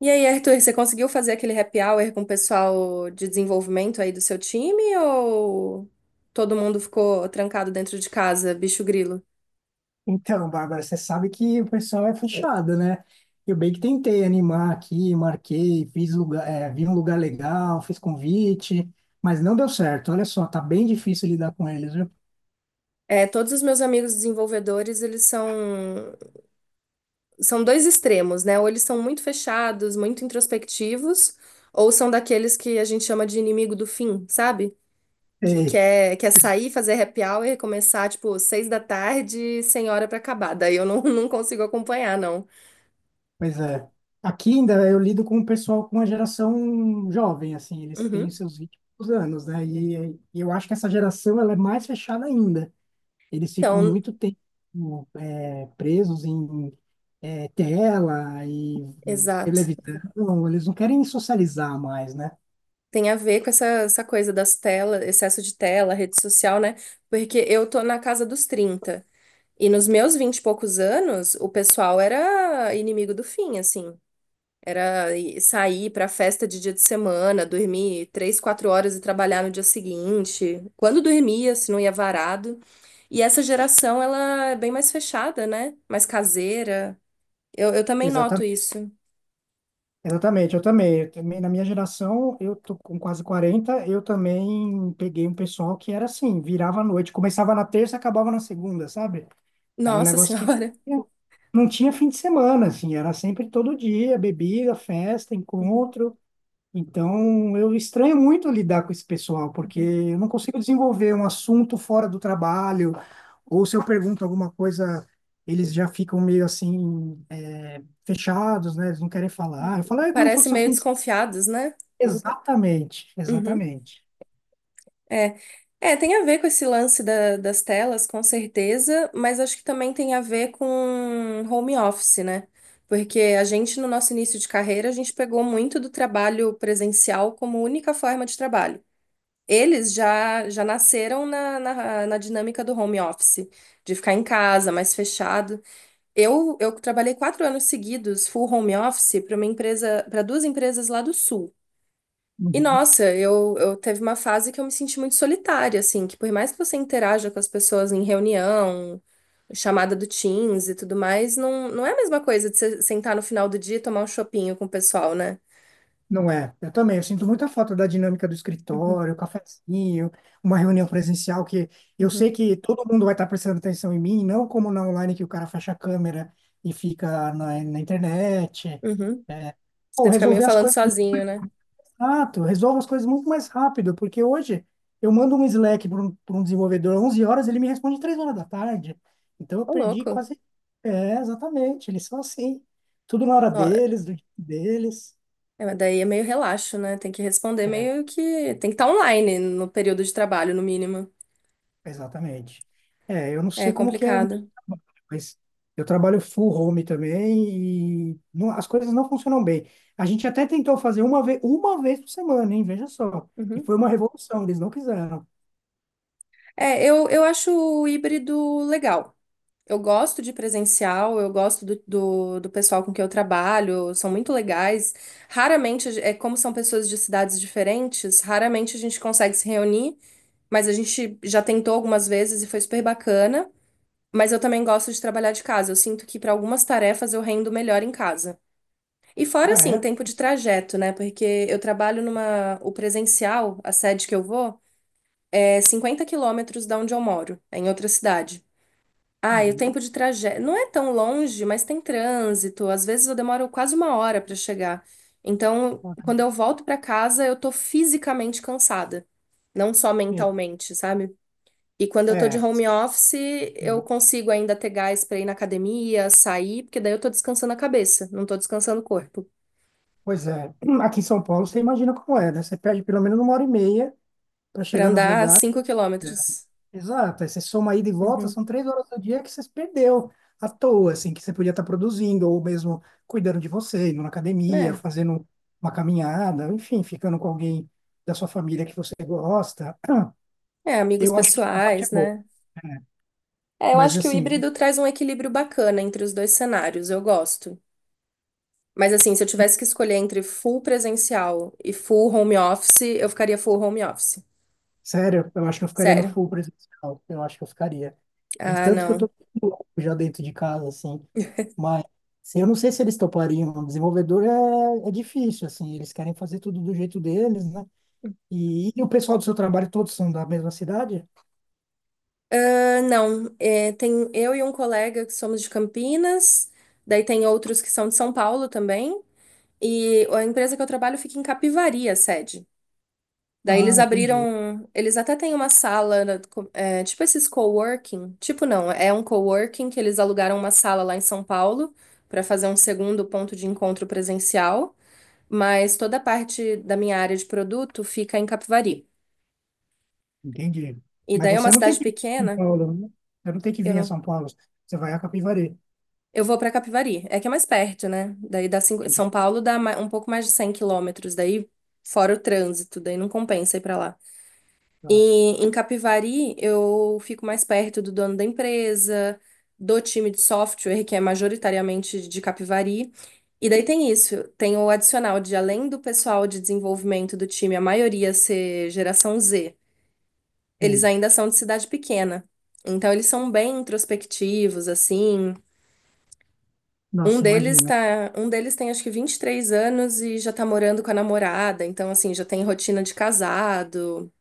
E aí, Arthur, você conseguiu fazer aquele happy hour com o pessoal de desenvolvimento aí do seu time ou todo mundo ficou trancado dentro de casa, bicho grilo? Então, Bárbara, você sabe que o pessoal é fechado, né? Eu bem que tentei animar aqui, marquei, fiz lugar, vi um lugar legal, fiz convite, mas não deu certo. Olha só, tá bem difícil lidar com eles, viu? É, todos os meus amigos desenvolvedores, eles são dois extremos, né? Ou eles são muito fechados, muito introspectivos, ou são daqueles que a gente chama de inimigo do fim, sabe? Que Ei, quer sair, fazer happy hour e começar, tipo, seis da tarde, sem hora pra acabar. Daí eu não, não consigo acompanhar, não. pois é. Aqui ainda eu lido com o pessoal com a geração jovem, assim, eles têm Uhum. os seus 20 e poucos anos, né? E eu acho que essa geração ela é mais fechada ainda. Eles ficam Então, muito tempo presos em tela e exato. televisão. Eles não querem socializar mais, né? Tem a ver com essa coisa das telas, excesso de tela, rede social, né? Porque eu tô na casa dos 30. E nos meus 20 e poucos anos, o pessoal era inimigo do fim, assim. Sair pra festa de dia de semana, dormir três, quatro horas e trabalhar no dia seguinte. Quando dormia, se não ia varado. E essa geração, ela é bem mais fechada, né? Mais caseira. Eu também noto Exatamente, isso. exatamente, eu também, na minha geração, eu tô com quase 40. Eu também peguei um pessoal que era assim, virava à noite, começava na terça, acabava na segunda, sabe? Era um Nossa negócio que Senhora. não tinha não tinha fim de semana, assim, era sempre todo dia, bebida, festa, Uhum, encontro. Então, eu estranho muito lidar com esse pessoal, porque uhum. eu não consigo desenvolver um assunto fora do trabalho, ou se eu pergunto alguma coisa, eles já ficam meio assim, fechados, né? Eles não querem falar. Eu falo, "Ai, como é foi Parece que seu meio fim de semana?" desconfiados, né? Exatamente, Uhum. exatamente. É, é, tem a ver com esse das telas, com certeza, mas acho que também tem a ver com home office, né? Porque a gente, no nosso início de carreira, a gente pegou muito do trabalho presencial como única forma de trabalho. Eles já nasceram na dinâmica do home office, de ficar em casa, mais fechado. Eu trabalhei 4 anos seguidos, full home office, para uma empresa, para duas empresas lá do sul. E Uhum. nossa, eu teve uma fase que eu me senti muito solitária, assim, que por mais que você interaja com as pessoas em reunião, chamada do Teams e tudo mais, não, não é a mesma coisa de você sentar no final do dia e tomar um chopinho com o pessoal, né? Não é, eu também, eu sinto muita falta da dinâmica do Uhum, escritório, o cafezinho, uma reunião presencial que eu sei uhum, que todo mundo vai estar prestando atenção em mim, não como na online que o cara fecha a câmera e fica na internet. uhum. É, pô, Você fica meio resolver as falando coisas muito sozinho, né? rápido, resolvo as coisas muito mais rápido, porque hoje eu mando um Slack pra um desenvolvedor às 11 horas, ele me responde 3 horas da tarde. Então eu Ô, perdi louco. quase. É, exatamente, eles são assim, tudo na hora Nó- deles, do jeito deles. É, mas daí é meio relaxo, né? Tem que responder É. meio que. Tem que estar online no período de trabalho, no mínimo. Exatamente. É, eu não É sei como que é, complicado. mas eu trabalho full home também e as coisas não funcionam bem. A gente até tentou fazer uma vez por semana, hein? Veja só. E Uhum. foi uma revolução, eles não quiseram. É, eu acho o híbrido legal. Eu gosto de presencial, eu gosto do pessoal com que eu trabalho, são muito legais. Raramente, é como são pessoas de cidades diferentes, raramente a gente consegue se reunir, mas a gente já tentou algumas vezes e foi super bacana. Mas eu também gosto de trabalhar de casa, eu sinto que para algumas tarefas eu rendo melhor em casa. E fora, Ah, assim, é? tempo de trajeto, né? Porque eu trabalho numa. O presencial, a sede que eu vou, é 50 quilômetros da onde eu moro, é em outra cidade. Ah, e o Uhum. tempo de trajeto não é tão longe, mas tem trânsito. Às vezes eu demoro quase uma hora para chegar. Então, quando eu volto para casa, eu tô fisicamente cansada, não só Sim. mentalmente, sabe? E quando eu tô de É. home office, eu consigo ainda ter gás para ir na academia, sair, porque daí eu tô descansando a cabeça, não tô descansando o corpo. Pois é. Aqui em São Paulo, você imagina como é, né? Você perde pelo menos uma hora e meia para Para chegar nos andar lugares. 5 quilômetros. Exato, aí você soma ida e volta, Uhum. são 3 horas do dia que você perdeu à toa, assim, que você podia estar produzindo, ou mesmo cuidando de você, indo na academia, É. fazendo uma caminhada, enfim, ficando com alguém da sua família que você gosta. É, amigos Eu acho que essa parte é pessoais, boa, né? né? É, eu Mas, acho que o assim, híbrido traz um equilíbrio bacana entre os dois cenários. Eu gosto. Mas assim, se eu tivesse que escolher entre full presencial e full home office, eu ficaria full home office. sério, eu acho que eu ficaria no Sério. full presencial, eu acho que eu ficaria. De Ah, tanto que eu não. tô louco já dentro de casa, assim, mas eu não sei se eles topariam, o desenvolvedor é difícil, assim, eles querem fazer tudo do jeito deles, né? E o pessoal do seu trabalho todos são da mesma cidade? Ah, não. É, tem eu e um colega que somos de Campinas, daí tem outros que são de São Paulo também, e a empresa que eu trabalho fica em Capivari, a sede. Daí Ah, eles entendi, abriram, eles até têm uma sala, né, é, tipo esses coworking, tipo não, é um coworking que eles alugaram uma sala lá em São Paulo para fazer um segundo ponto de encontro presencial. Mas toda a parte da minha área de produto fica em Capivari. entendi. E Mas daí é uma você não tem cidade que vir a São pequena, Paulo, né? Você não tem que eu vir a não, São Paulo. Você vai a Capivari. eu vou para Capivari, é que é mais perto, né? Daí São Entendi. Paulo um pouco mais de 100 quilômetros, daí fora o trânsito, daí não compensa ir para lá. E Ah, em Capivari eu fico mais perto do dono da empresa, do time de software, que é majoritariamente de Capivari. E daí tem isso, tem o adicional de além do pessoal de desenvolvimento do time, a maioria ser geração Z. Eles sim. ainda são de cidade pequena. Então eles são bem introspectivos assim. Nossa, imagino. Um deles tem acho que 23 anos e já tá morando com a namorada, então assim, já tem rotina de casado.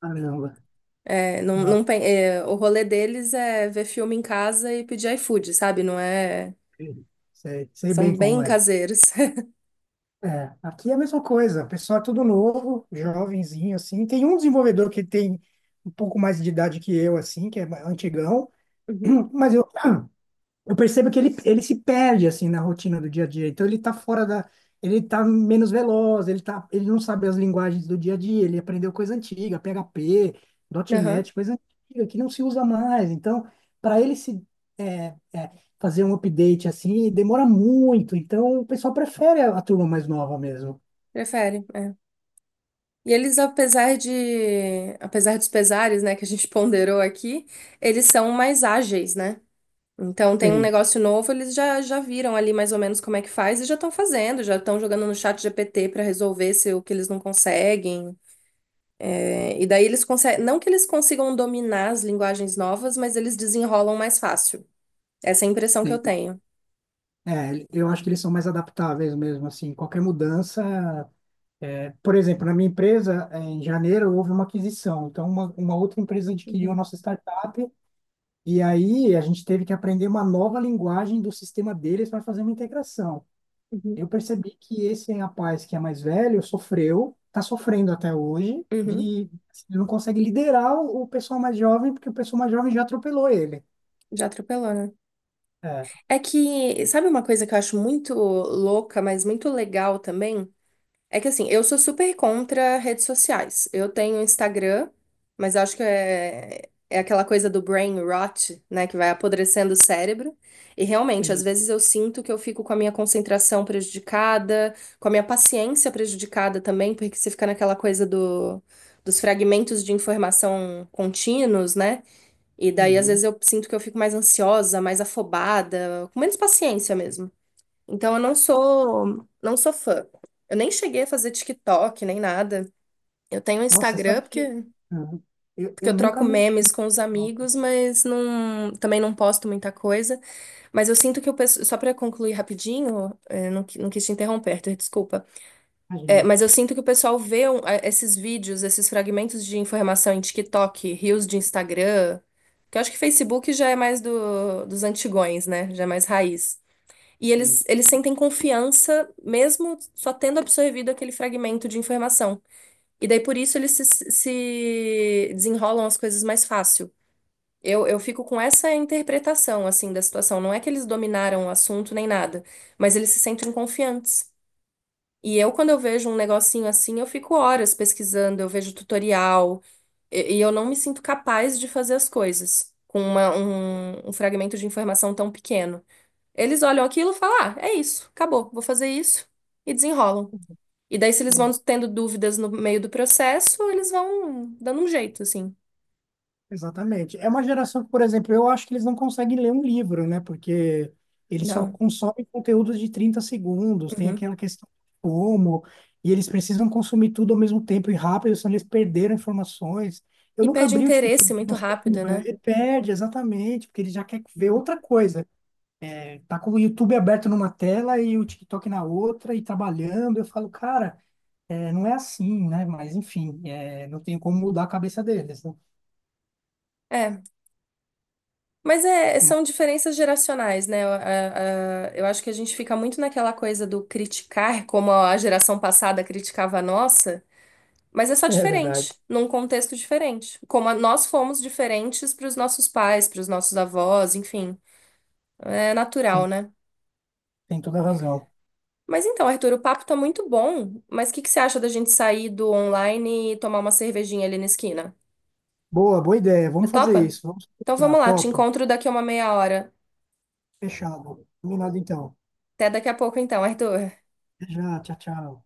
Caramba. É, não, não, Nossa, é, o rolê deles é ver filme em casa e pedir iFood, sabe? Não é, sei, sei são bem bem como é. caseiros. É, aqui é a mesma coisa. O pessoal é tudo novo, jovenzinho, assim. Tem um desenvolvedor que tem um pouco mais de idade que eu, assim, que é antigão. Uhum. Mas eu percebo que ele se perde assim na rotina do dia a dia. Então ele tá menos veloz, ele não sabe as linguagens do dia a dia, ele aprendeu coisa antiga, PHP, Aham, .NET, coisa antiga que não se usa mais. Então, para ele se é, é, fazer um update assim, demora muito. Então o pessoal prefere a turma mais nova mesmo. prefere. É. E eles, apesar de, apesar dos pesares, né, que a gente ponderou aqui, eles são mais ágeis, né? Então tem um Sim, negócio novo, eles já viram ali mais ou menos como é que faz e já estão fazendo, já estão jogando no chat GPT para resolver se o que eles não conseguem. É, e daí eles conseguem, não que eles consigam dominar as linguagens novas, mas eles desenrolam mais fácil. Essa é a impressão que eu sim. tenho. É, eu acho que eles são mais adaptáveis mesmo, assim, qualquer mudança. É, por exemplo, na minha empresa, em janeiro, houve uma aquisição. Então, uma outra empresa adquiriu a Uhum, nossa startup e aí a gente teve que aprender uma nova linguagem do sistema deles para fazer uma integração. uhum. Eu percebi que esse rapaz que é mais velho sofreu, está sofrendo até hoje, Uhum, de assim, ele não consegue liderar o pessoal mais jovem, porque o pessoal mais jovem já atropelou ele. já atropelou, né? É, É que, sabe uma coisa que eu acho muito louca, mas muito legal também? É que assim, eu sou super contra redes sociais. Eu tenho Instagram, mas acho que é, é aquela coisa do brain rot, né, que vai apodrecendo o cérebro. E realmente, às sim. vezes eu sinto que eu fico com a minha concentração prejudicada, com a minha paciência prejudicada também, porque você fica naquela coisa do, dos fragmentos de informação contínuos, né? E daí, às Uhum. vezes, eu sinto que eu fico mais ansiosa, mais afobada, com menos paciência mesmo. Então eu não sou fã. Eu nem cheguei a fazer TikTok nem nada. Eu tenho um Nossa, Instagram sabe porque, que uhum. Eu, porque eu eu nunca troco mexi. memes com os Nossa, amigos, mas não, também não posto muita coisa. Mas eu sinto que o pessoal, só para concluir rapidinho, eh, não, não quis te interromper, Arthur, desculpa. Eh, imagina. mas eu sinto que o pessoal vê esses vídeos, esses fragmentos de informação em TikTok, reels de Instagram, que eu acho que Facebook já é mais do, dos antigões, né? Já é mais raiz. E Sim. eles sentem confiança mesmo só tendo absorvido aquele fragmento de informação. E daí por isso eles se, se desenrolam as coisas mais fácil. Eu fico com essa interpretação assim da situação. Não é que eles dominaram o assunto nem nada, mas eles se sentem confiantes. E eu, quando eu vejo um negocinho assim, eu fico horas pesquisando, eu vejo tutorial, e eu não me sinto capaz de fazer as coisas com uma, um fragmento de informação tão pequeno. Eles olham aquilo e falam: ah, é isso, acabou, vou fazer isso, e desenrolam. E daí, se eles vão Sim. tendo dúvidas no meio do processo, eles vão dando um jeito, assim. Exatamente. É uma geração que, por exemplo, eu acho que eles não conseguem ler um livro, né? Porque eles só Não. consomem conteúdos de 30 segundos, tem Uhum. aquela questão de como, e eles precisam consumir tudo ao mesmo tempo e rápido, senão eles perderam informações. Eu E nunca perde abri o interesse TikTok, muito não sei rápido, como é. né? Ele perde, exatamente, porque ele já quer ver Uhum. outra coisa. Tá com o YouTube aberto numa tela e o TikTok na outra, e trabalhando. Eu falo, cara, não é assim, né? Mas, enfim, não tem como mudar a cabeça deles, né? É, mas é, são diferenças geracionais, né? Eu, eu acho que a gente fica muito naquela coisa do criticar, como a geração passada criticava a nossa, mas é só É verdade. diferente, num contexto diferente. Como nós fomos diferentes para os nossos pais, para os nossos avós, enfim. É natural, Sim. né? Tem toda a razão. Mas então, Arthur, o papo tá muito bom, mas o que que você acha da gente sair do online e tomar uma cervejinha ali na esquina? Boa, boa ideia. Você Vamos fazer topa? isso. Vamos Então encontrar. vamos lá, te Topo. encontro daqui a uma meia hora. Fechado. Combinado então. Até daqui a pouco então, Arthur. Até já. Tchau, tchau.